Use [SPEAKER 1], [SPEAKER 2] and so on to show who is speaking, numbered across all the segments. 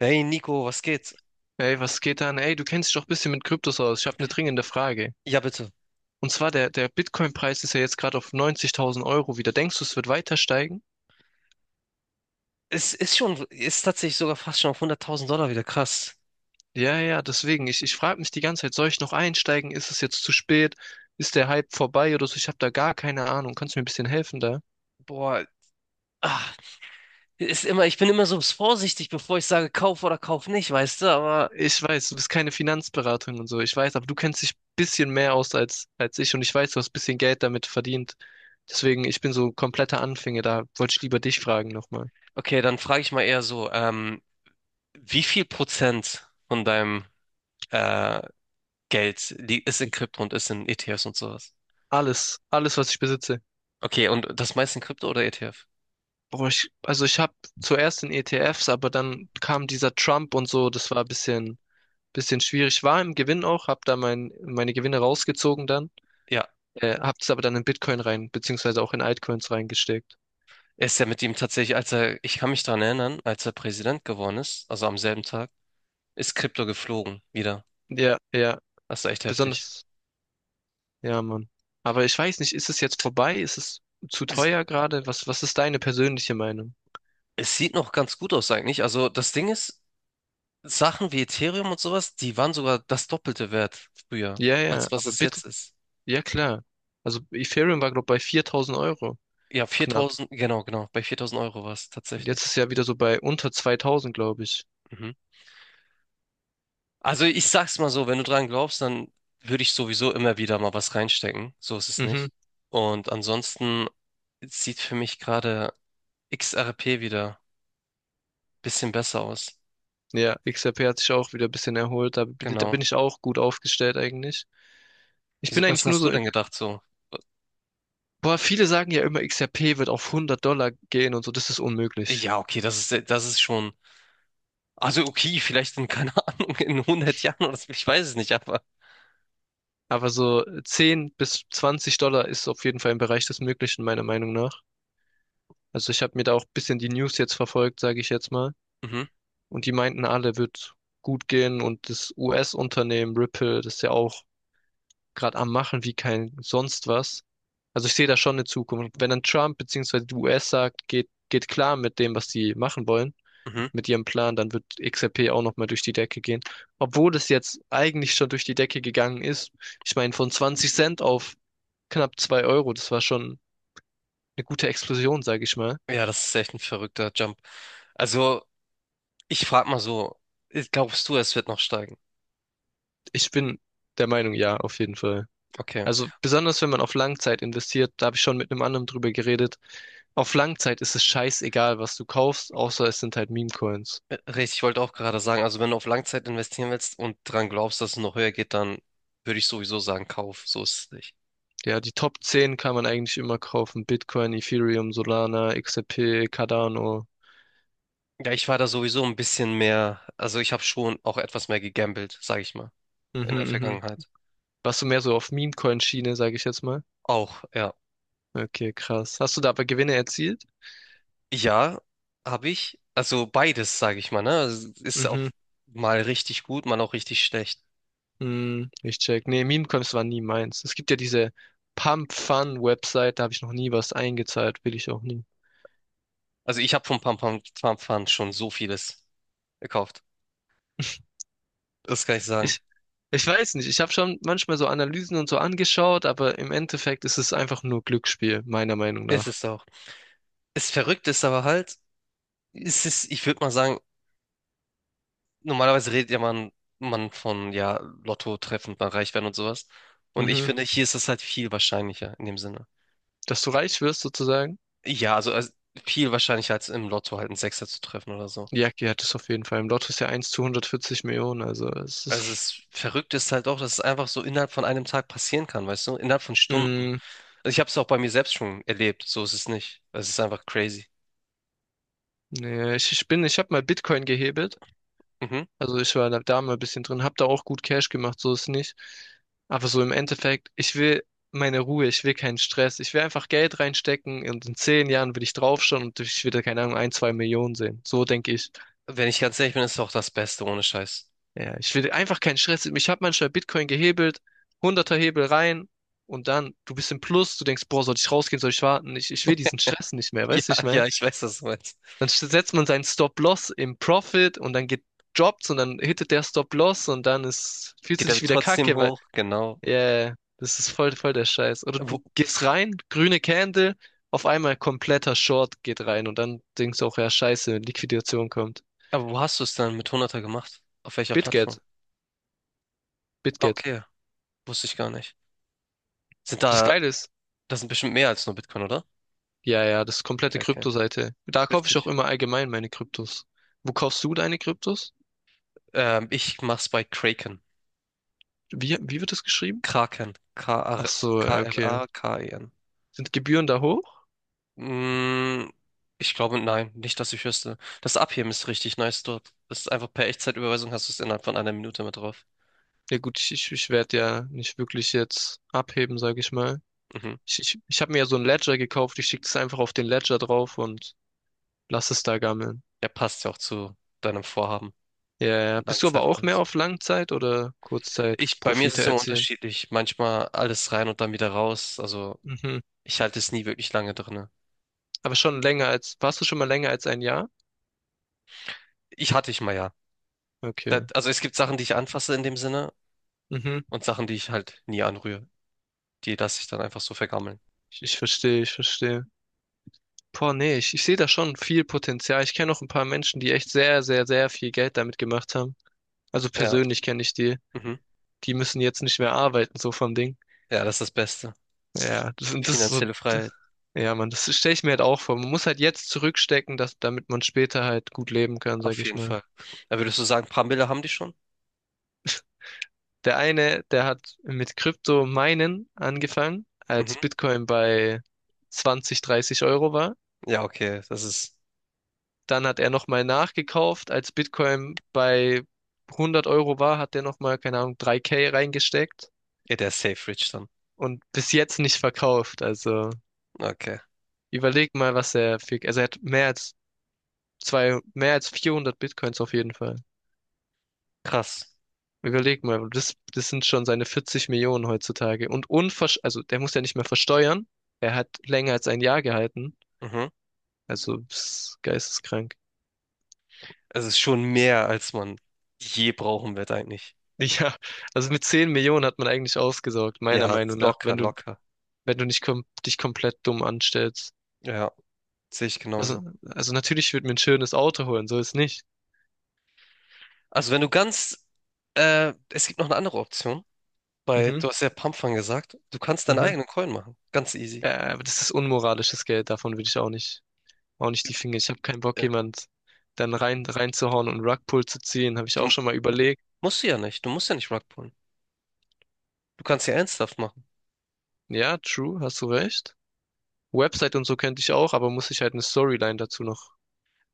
[SPEAKER 1] Hey Nico, was geht?
[SPEAKER 2] Ey, was geht an? Ey, du kennst dich doch ein bisschen mit Kryptos aus. Ich habe eine dringende Frage.
[SPEAKER 1] Ja, bitte.
[SPEAKER 2] Und zwar, der Bitcoin-Preis ist ja jetzt gerade auf 90.000 € wieder. Denkst du, es wird weiter steigen?
[SPEAKER 1] Es ist tatsächlich sogar fast schon auf $100.000 wieder krass.
[SPEAKER 2] Ja, ja, deswegen. Ich frage mich die ganze Zeit, soll ich noch einsteigen? Ist es jetzt zu spät? Ist der Hype vorbei oder so? Ich habe da gar keine Ahnung. Kannst du mir ein bisschen helfen da?
[SPEAKER 1] Boah, ah, ich bin immer so vorsichtig, bevor ich sage, kauf oder kauf nicht, weißt du? Aber
[SPEAKER 2] Ich weiß, du bist keine Finanzberatung und so. Ich weiß, aber du kennst dich ein bisschen mehr aus als ich, und ich weiß, du hast ein bisschen Geld damit verdient. Deswegen, ich bin so kompletter Anfänger. Da wollte ich lieber dich fragen nochmal.
[SPEAKER 1] okay, dann frage ich mal eher so, wie viel Prozent von deinem äh, ist in Krypto und ist in ETFs und sowas?
[SPEAKER 2] Alles, alles, was ich besitze.
[SPEAKER 1] Okay, und das meiste in Krypto oder ETF?
[SPEAKER 2] Boah, also ich habe zuerst in ETFs, aber dann kam dieser Trump und so, das war ein bisschen schwierig. War im Gewinn auch, habe da meine Gewinne rausgezogen dann,
[SPEAKER 1] Ja,
[SPEAKER 2] habe es aber dann in Bitcoin rein, beziehungsweise auch in Altcoins reingesteckt.
[SPEAKER 1] er ist ja mit ihm tatsächlich, als er, ich kann mich daran erinnern, als er Präsident geworden ist, also am selben Tag, ist Krypto geflogen wieder.
[SPEAKER 2] Ja, ja,
[SPEAKER 1] Das ist echt heftig.
[SPEAKER 2] besonders, ja, Mann. Aber ich weiß nicht, ist es jetzt vorbei? Ist es zu
[SPEAKER 1] Es,
[SPEAKER 2] teuer gerade? Was ist deine persönliche Meinung?
[SPEAKER 1] es sieht noch ganz gut aus eigentlich. Also das Ding ist, Sachen wie Ethereum und sowas, die waren sogar das Doppelte wert früher,
[SPEAKER 2] Ja,
[SPEAKER 1] als
[SPEAKER 2] ja,
[SPEAKER 1] was
[SPEAKER 2] aber
[SPEAKER 1] es
[SPEAKER 2] bitte,
[SPEAKER 1] jetzt ist.
[SPEAKER 2] ja klar. Also Ethereum war, glaube ich, bei 4.000 €
[SPEAKER 1] Ja,
[SPEAKER 2] knapp.
[SPEAKER 1] viertausend, genau, genau. Bei 4.000 Euro war es
[SPEAKER 2] Und jetzt
[SPEAKER 1] tatsächlich.
[SPEAKER 2] ist ja wieder so bei unter 2.000, glaube ich.
[SPEAKER 1] Mhm. Also ich sag's mal so, wenn du dran glaubst, dann würde ich sowieso immer wieder mal was reinstecken. So ist es nicht.
[SPEAKER 2] Mhm.
[SPEAKER 1] Und ansonsten sieht für mich gerade XRP wieder ein bisschen besser aus.
[SPEAKER 2] Ja, XRP hat sich auch wieder ein bisschen erholt. Da
[SPEAKER 1] Genau.
[SPEAKER 2] bin ich auch gut aufgestellt eigentlich. Ich bin
[SPEAKER 1] Was
[SPEAKER 2] eigentlich nur
[SPEAKER 1] hast du
[SPEAKER 2] so in,
[SPEAKER 1] denn gedacht so?
[SPEAKER 2] boah, viele sagen ja immer, XRP wird auf 100 $ gehen und so, das ist unmöglich.
[SPEAKER 1] Ja, okay, das ist schon. Also okay, vielleicht in, keine Ahnung, in 100 Jahren oder so, ich weiß es nicht, aber
[SPEAKER 2] Aber so 10 bis 20 $ ist auf jeden Fall im Bereich des Möglichen, meiner Meinung nach. Also ich habe mir da auch ein bisschen die News jetzt verfolgt, sage ich jetzt mal.
[SPEAKER 1] mhm,
[SPEAKER 2] Und die meinten alle, wird gut gehen. Und das US-Unternehmen Ripple, das ist ja auch gerade am Machen wie kein sonst was. Also ich sehe da schon eine Zukunft. Wenn dann Trump beziehungsweise die US sagt, geht klar mit dem, was die machen wollen,
[SPEAKER 1] mhm.
[SPEAKER 2] mit ihrem Plan, dann wird XRP auch nochmal durch die Decke gehen. Obwohl es jetzt eigentlich schon durch die Decke gegangen ist. Ich meine, von 20 Cent auf knapp 2 Euro, das war schon eine gute Explosion, sage ich mal.
[SPEAKER 1] Ja, das ist echt ein verrückter Jump. Also, ich frage mal so, glaubst du, es wird noch steigen?
[SPEAKER 2] Ich bin der Meinung, ja, auf jeden Fall.
[SPEAKER 1] Okay.
[SPEAKER 2] Also besonders wenn man auf Langzeit investiert, da habe ich schon mit einem anderen drüber geredet. Auf Langzeit ist es scheißegal, was du kaufst, außer es sind halt Meme-Coins.
[SPEAKER 1] Richtig, ich wollte auch gerade sagen, also wenn du auf Langzeit investieren willst und dran glaubst, dass es noch höher geht, dann würde ich sowieso sagen, kauf, so ist es nicht.
[SPEAKER 2] Ja, die Top 10 kann man eigentlich immer kaufen. Bitcoin, Ethereum, Solana, XRP, Cardano.
[SPEAKER 1] Ja, ich war da sowieso ein bisschen mehr, also ich habe schon auch etwas mehr gegambelt, sage ich mal, in der
[SPEAKER 2] Mhm, mhm.
[SPEAKER 1] Vergangenheit.
[SPEAKER 2] Warst du mehr so auf Meme-Coin-Schiene, sage ich jetzt mal?
[SPEAKER 1] Auch, ja.
[SPEAKER 2] Okay, krass. Hast du da aber Gewinne erzielt?
[SPEAKER 1] Ja, habe ich. Also beides, sage ich mal, ne? Also ist auch
[SPEAKER 2] Mhm,
[SPEAKER 1] mal richtig gut, mal auch richtig schlecht.
[SPEAKER 2] hm, ich check. Nee, Meme-Coins war nie meins. Es gibt ja diese Pump-Fun-Website, da habe ich noch nie was eingezahlt, will ich auch nie.
[SPEAKER 1] Also ich habe von Pampam schon so vieles gekauft. Das kann ich sagen.
[SPEAKER 2] Ich, ich weiß nicht. Ich habe schon manchmal so Analysen und so angeschaut, aber im Endeffekt ist es einfach nur Glücksspiel, meiner Meinung
[SPEAKER 1] Ist
[SPEAKER 2] nach.
[SPEAKER 1] es auch. Es verrückt ist aber halt, ich würde mal sagen, normalerweise redet ja man von, ja, Lotto treffen, mal reich werden und sowas. Und ich
[SPEAKER 2] Mhm.
[SPEAKER 1] finde, hier ist es halt viel wahrscheinlicher in dem Sinne.
[SPEAKER 2] Dass du reich wirst, sozusagen.
[SPEAKER 1] Ja, also viel wahrscheinlicher als im Lotto halt einen Sechser zu treffen oder so.
[SPEAKER 2] Jackie hat es auf jeden Fall. Im Lotto ist ja eins zu 140 Millionen, also es
[SPEAKER 1] Also
[SPEAKER 2] ist.
[SPEAKER 1] es verrückt ist halt auch, dass es einfach so innerhalb von einem Tag passieren kann, weißt du? Innerhalb von Stunden.
[SPEAKER 2] Mm,
[SPEAKER 1] Also ich habe es auch bei mir selbst schon erlebt. So ist es nicht. Es ist einfach crazy.
[SPEAKER 2] nee, ich habe mal Bitcoin gehebelt.
[SPEAKER 1] Mhm.
[SPEAKER 2] Also ich war da mal ein bisschen drin, habe da auch gut Cash gemacht, so ist nicht. Aber so im Endeffekt, ich will meine Ruhe, ich will keinen Stress. Ich will einfach Geld reinstecken und in 10 Jahren will ich draufschauen und ich will da, keine Ahnung, ein, 2 Millionen sehen. So denke ich.
[SPEAKER 1] Wenn ich ganz ehrlich bin, ist es auch das Beste ohne Scheiß.
[SPEAKER 2] Ja, ich will einfach keinen Stress. Ich habe manchmal Bitcoin gehebelt, hunderter Hebel rein, und dann, du bist im Plus, du denkst, boah, soll ich rausgehen, soll ich warten? Ich will diesen Stress nicht mehr,
[SPEAKER 1] Ja,
[SPEAKER 2] weißt du, ich
[SPEAKER 1] ja,
[SPEAKER 2] mein?
[SPEAKER 1] ich weiß, was du meinst.
[SPEAKER 2] Dann setzt man seinen Stop-Loss im Profit und dann geht Jobs und dann hittet der Stop-Loss und dann ist, fühlst du
[SPEAKER 1] Geht aber
[SPEAKER 2] dich wieder
[SPEAKER 1] trotzdem
[SPEAKER 2] kacke, weil,
[SPEAKER 1] hoch, genau.
[SPEAKER 2] ja, yeah, das ist voll der Scheiß. Oder
[SPEAKER 1] Wo,
[SPEAKER 2] du gehst rein, grüne Candle, auf einmal kompletter Short geht rein und dann denkst du auch, ja, scheiße, Liquidation kommt.
[SPEAKER 1] aber wo hast du es dann mit hunderter gemacht? Auf welcher Plattform?
[SPEAKER 2] BitGet, BitGet.
[SPEAKER 1] Okay, wusste ich gar nicht. Sind
[SPEAKER 2] Das
[SPEAKER 1] da,
[SPEAKER 2] Geile ist,
[SPEAKER 1] das sind bestimmt mehr als nur Bitcoin, oder?
[SPEAKER 2] ja, ja, das ist komplette
[SPEAKER 1] Okay, okay.
[SPEAKER 2] Kryptoseite. Da kaufe ich auch
[SPEAKER 1] Heftig.
[SPEAKER 2] immer allgemein meine Kryptos. Wo kaufst du deine Kryptos?
[SPEAKER 1] Ich mach's bei Kraken.
[SPEAKER 2] Wie wird das geschrieben?
[SPEAKER 1] Kraken. K R
[SPEAKER 2] Ach so, ja, okay.
[SPEAKER 1] K-R-A-K-E-N.
[SPEAKER 2] Sind Gebühren da hoch?
[SPEAKER 1] Mm, ich glaube, nein, nicht, dass ich wüsste. Das Abheben ist richtig nice dort. Das ist einfach per Echtzeitüberweisung hast du es innerhalb von einer Minute mit drauf.
[SPEAKER 2] Ja gut, ich werde ja nicht wirklich jetzt abheben, sage ich mal.
[SPEAKER 1] Mhm.
[SPEAKER 2] Ich habe mir ja so ein Ledger gekauft. Ich schicke das einfach auf den Ledger drauf und lass es da gammeln.
[SPEAKER 1] Ja, passt ja auch zu deinem Vorhaben
[SPEAKER 2] Ja, ja.
[SPEAKER 1] mit
[SPEAKER 2] Bist du aber
[SPEAKER 1] Langzeit und
[SPEAKER 2] auch mehr
[SPEAKER 1] alles.
[SPEAKER 2] auf Langzeit- oder
[SPEAKER 1] Ich, bei mir ist
[SPEAKER 2] Kurzzeit-Profite
[SPEAKER 1] es immer
[SPEAKER 2] erzielen?
[SPEAKER 1] unterschiedlich. Manchmal alles rein und dann wieder raus. Also
[SPEAKER 2] Mhm.
[SPEAKER 1] ich halte es nie wirklich lange drinne.
[SPEAKER 2] Aber schon länger als, warst du schon mal länger als ein Jahr?
[SPEAKER 1] Ich hatte ich mal ja.
[SPEAKER 2] Okay.
[SPEAKER 1] Das, also es gibt Sachen, die ich anfasse in dem Sinne
[SPEAKER 2] Mhm.
[SPEAKER 1] und Sachen, die ich halt nie anrühre. Die lasse ich dann einfach so vergammeln.
[SPEAKER 2] Ich verstehe, ich verstehe. Boah, nee, ich sehe da schon viel Potenzial. Ich kenne auch ein paar Menschen, die echt sehr, sehr, sehr viel Geld damit gemacht haben. Also
[SPEAKER 1] Ja,
[SPEAKER 2] persönlich kenne ich die.
[SPEAKER 1] mhm.
[SPEAKER 2] Die müssen jetzt nicht mehr arbeiten, so vom Ding.
[SPEAKER 1] Ja, das ist das Beste.
[SPEAKER 2] Ja, das ist so,
[SPEAKER 1] Finanzielle Freiheit.
[SPEAKER 2] ja, Mann, das stelle ich mir halt auch vor. Man muss halt jetzt zurückstecken, damit man später halt gut leben kann, sag
[SPEAKER 1] Auf
[SPEAKER 2] ich
[SPEAKER 1] jeden
[SPEAKER 2] mal.
[SPEAKER 1] Fall. Da würdest du sagen, paar Mille haben die schon?
[SPEAKER 2] Der eine, der hat mit Krypto-Minen angefangen, als
[SPEAKER 1] Mhm.
[SPEAKER 2] Bitcoin bei 20, 30 € war.
[SPEAKER 1] Ja, okay. Das ist
[SPEAKER 2] Dann hat er nochmal nachgekauft, als Bitcoin bei 100 € war, hat er nochmal, keine Ahnung, 3K reingesteckt
[SPEAKER 1] ja der Safe Rich dann.
[SPEAKER 2] und bis jetzt nicht verkauft. Also
[SPEAKER 1] Okay.
[SPEAKER 2] überleg mal, was er für, also er hat mehr als zwei, mehr als 400 Bitcoins auf jeden Fall.
[SPEAKER 1] Krass.
[SPEAKER 2] Überleg mal, das sind schon seine 40 Millionen heutzutage. Und unversch, also der muss ja nicht mehr versteuern. Er hat länger als ein Jahr gehalten.
[SPEAKER 1] Mhm.
[SPEAKER 2] Also, das geisteskrank.
[SPEAKER 1] Es ist schon mehr, als man je brauchen wird eigentlich.
[SPEAKER 2] Ja, also mit 10 Millionen hat man eigentlich ausgesorgt, meiner
[SPEAKER 1] Ja,
[SPEAKER 2] Meinung nach,
[SPEAKER 1] locker,
[SPEAKER 2] wenn du
[SPEAKER 1] locker.
[SPEAKER 2] wenn du nicht kom dich komplett dumm anstellst.
[SPEAKER 1] Ja, sehe ich
[SPEAKER 2] Also,
[SPEAKER 1] genauso.
[SPEAKER 2] also natürlich, ich würde mir ein schönes Auto holen, so ist nicht.
[SPEAKER 1] Also wenn du ganz, es gibt noch eine andere Option, weil
[SPEAKER 2] Mhm,
[SPEAKER 1] du hast ja Pumpfang gesagt, du kannst deinen
[SPEAKER 2] mhm.
[SPEAKER 1] eigenen Coin machen. Ganz easy.
[SPEAKER 2] Aber das ist unmoralisches Geld, davon will ich auch nicht die Finger. Ich habe keinen Bock,
[SPEAKER 1] Äh,
[SPEAKER 2] jemand dann reinzuhauen und Rugpull zu ziehen, habe ich auch
[SPEAKER 1] Du
[SPEAKER 2] schon mal überlegt.
[SPEAKER 1] musst du ja nicht. Du musst ja nicht Rug pullen. Du kannst ja ernsthaft machen.
[SPEAKER 2] Ja, true, hast du recht. Website und so könnte ich auch, aber muss ich halt eine Storyline dazu noch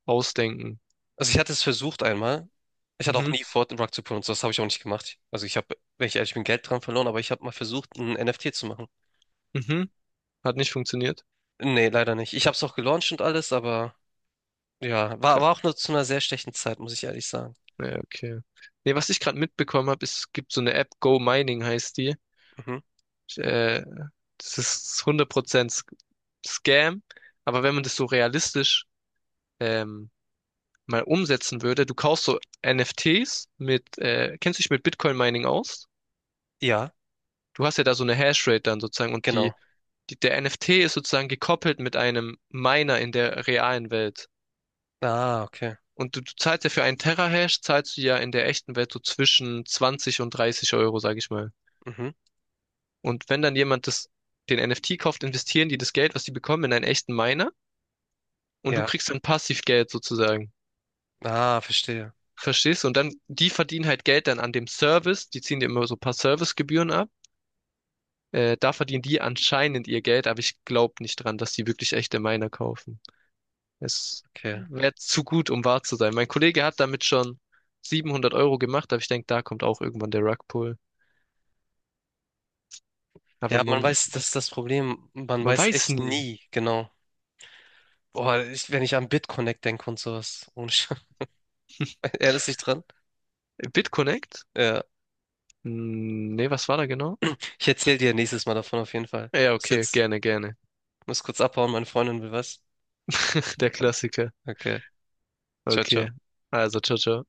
[SPEAKER 2] ausdenken.
[SPEAKER 1] Also ich hatte es versucht einmal. Ich hatte auch
[SPEAKER 2] Mhm,
[SPEAKER 1] nie vor, den Rug zu pullen und so, das habe ich auch nicht gemacht. Also ich habe, wenn ich ehrlich bin, Geld dran verloren, aber ich habe mal versucht, ein NFT zu machen.
[SPEAKER 2] mhm. Hat nicht funktioniert.
[SPEAKER 1] Nee, leider nicht. Ich habe es auch gelauncht und alles, aber ja,
[SPEAKER 2] Okay.
[SPEAKER 1] war auch nur zu einer sehr schlechten Zeit, muss ich ehrlich sagen.
[SPEAKER 2] Ja, okay. Nee, was ich gerade mitbekommen habe, es gibt so eine App, Go Mining heißt die.
[SPEAKER 1] Mhm.
[SPEAKER 2] Äh, Das ist 100% Scam. Aber wenn man das so realistisch ähm, mal umsetzen würde, du kaufst so NFTs mit, kennst du dich mit Bitcoin Mining aus?
[SPEAKER 1] Ja,
[SPEAKER 2] Du hast ja da so eine Hashrate dann sozusagen und
[SPEAKER 1] genau.
[SPEAKER 2] der NFT ist sozusagen gekoppelt mit einem Miner in der realen Welt.
[SPEAKER 1] Ah, okay.
[SPEAKER 2] Und du zahlst ja für einen Terahash, zahlst du ja in der echten Welt so zwischen 20 und 30 Euro, sag ich mal.
[SPEAKER 1] Mhm.
[SPEAKER 2] Und wenn dann jemand das, den NFT kauft, investieren die das Geld, was die bekommen, in einen echten Miner und du
[SPEAKER 1] Ja.
[SPEAKER 2] kriegst dann Passivgeld sozusagen.
[SPEAKER 1] Ah, verstehe.
[SPEAKER 2] Verstehst du? Und dann, die verdienen halt Geld dann an dem Service, die ziehen dir immer so ein paar Servicegebühren ab. Da verdienen die anscheinend ihr Geld, aber ich glaube nicht dran, dass die wirklich echte Miner kaufen. Es
[SPEAKER 1] Okay.
[SPEAKER 2] wäre zu gut, um wahr zu sein. Mein Kollege hat damit schon 700 € gemacht, aber ich denke, da kommt auch irgendwann der Rugpull. Aber
[SPEAKER 1] Ja, man
[SPEAKER 2] man,
[SPEAKER 1] weiß, das ist das Problem. Man
[SPEAKER 2] man
[SPEAKER 1] weiß
[SPEAKER 2] weiß
[SPEAKER 1] echt
[SPEAKER 2] nie.
[SPEAKER 1] nie, genau. Boah, ich, wenn ich an BitConnect denke und sowas. Ohne Scheiß. Erinnerst du dich dran?
[SPEAKER 2] BitConnect?
[SPEAKER 1] Ja.
[SPEAKER 2] Hm, nee, was war da genau?
[SPEAKER 1] Ich erzähle dir nächstes Mal davon auf jeden Fall.
[SPEAKER 2] Ja,
[SPEAKER 1] Bis
[SPEAKER 2] okay,
[SPEAKER 1] jetzt.
[SPEAKER 2] gerne, gerne.
[SPEAKER 1] Muss kurz abhauen, meine Freundin will was.
[SPEAKER 2] Der Klassiker.
[SPEAKER 1] Okay. Ciao,
[SPEAKER 2] Okay,
[SPEAKER 1] ciao.
[SPEAKER 2] also, ciao, ciao.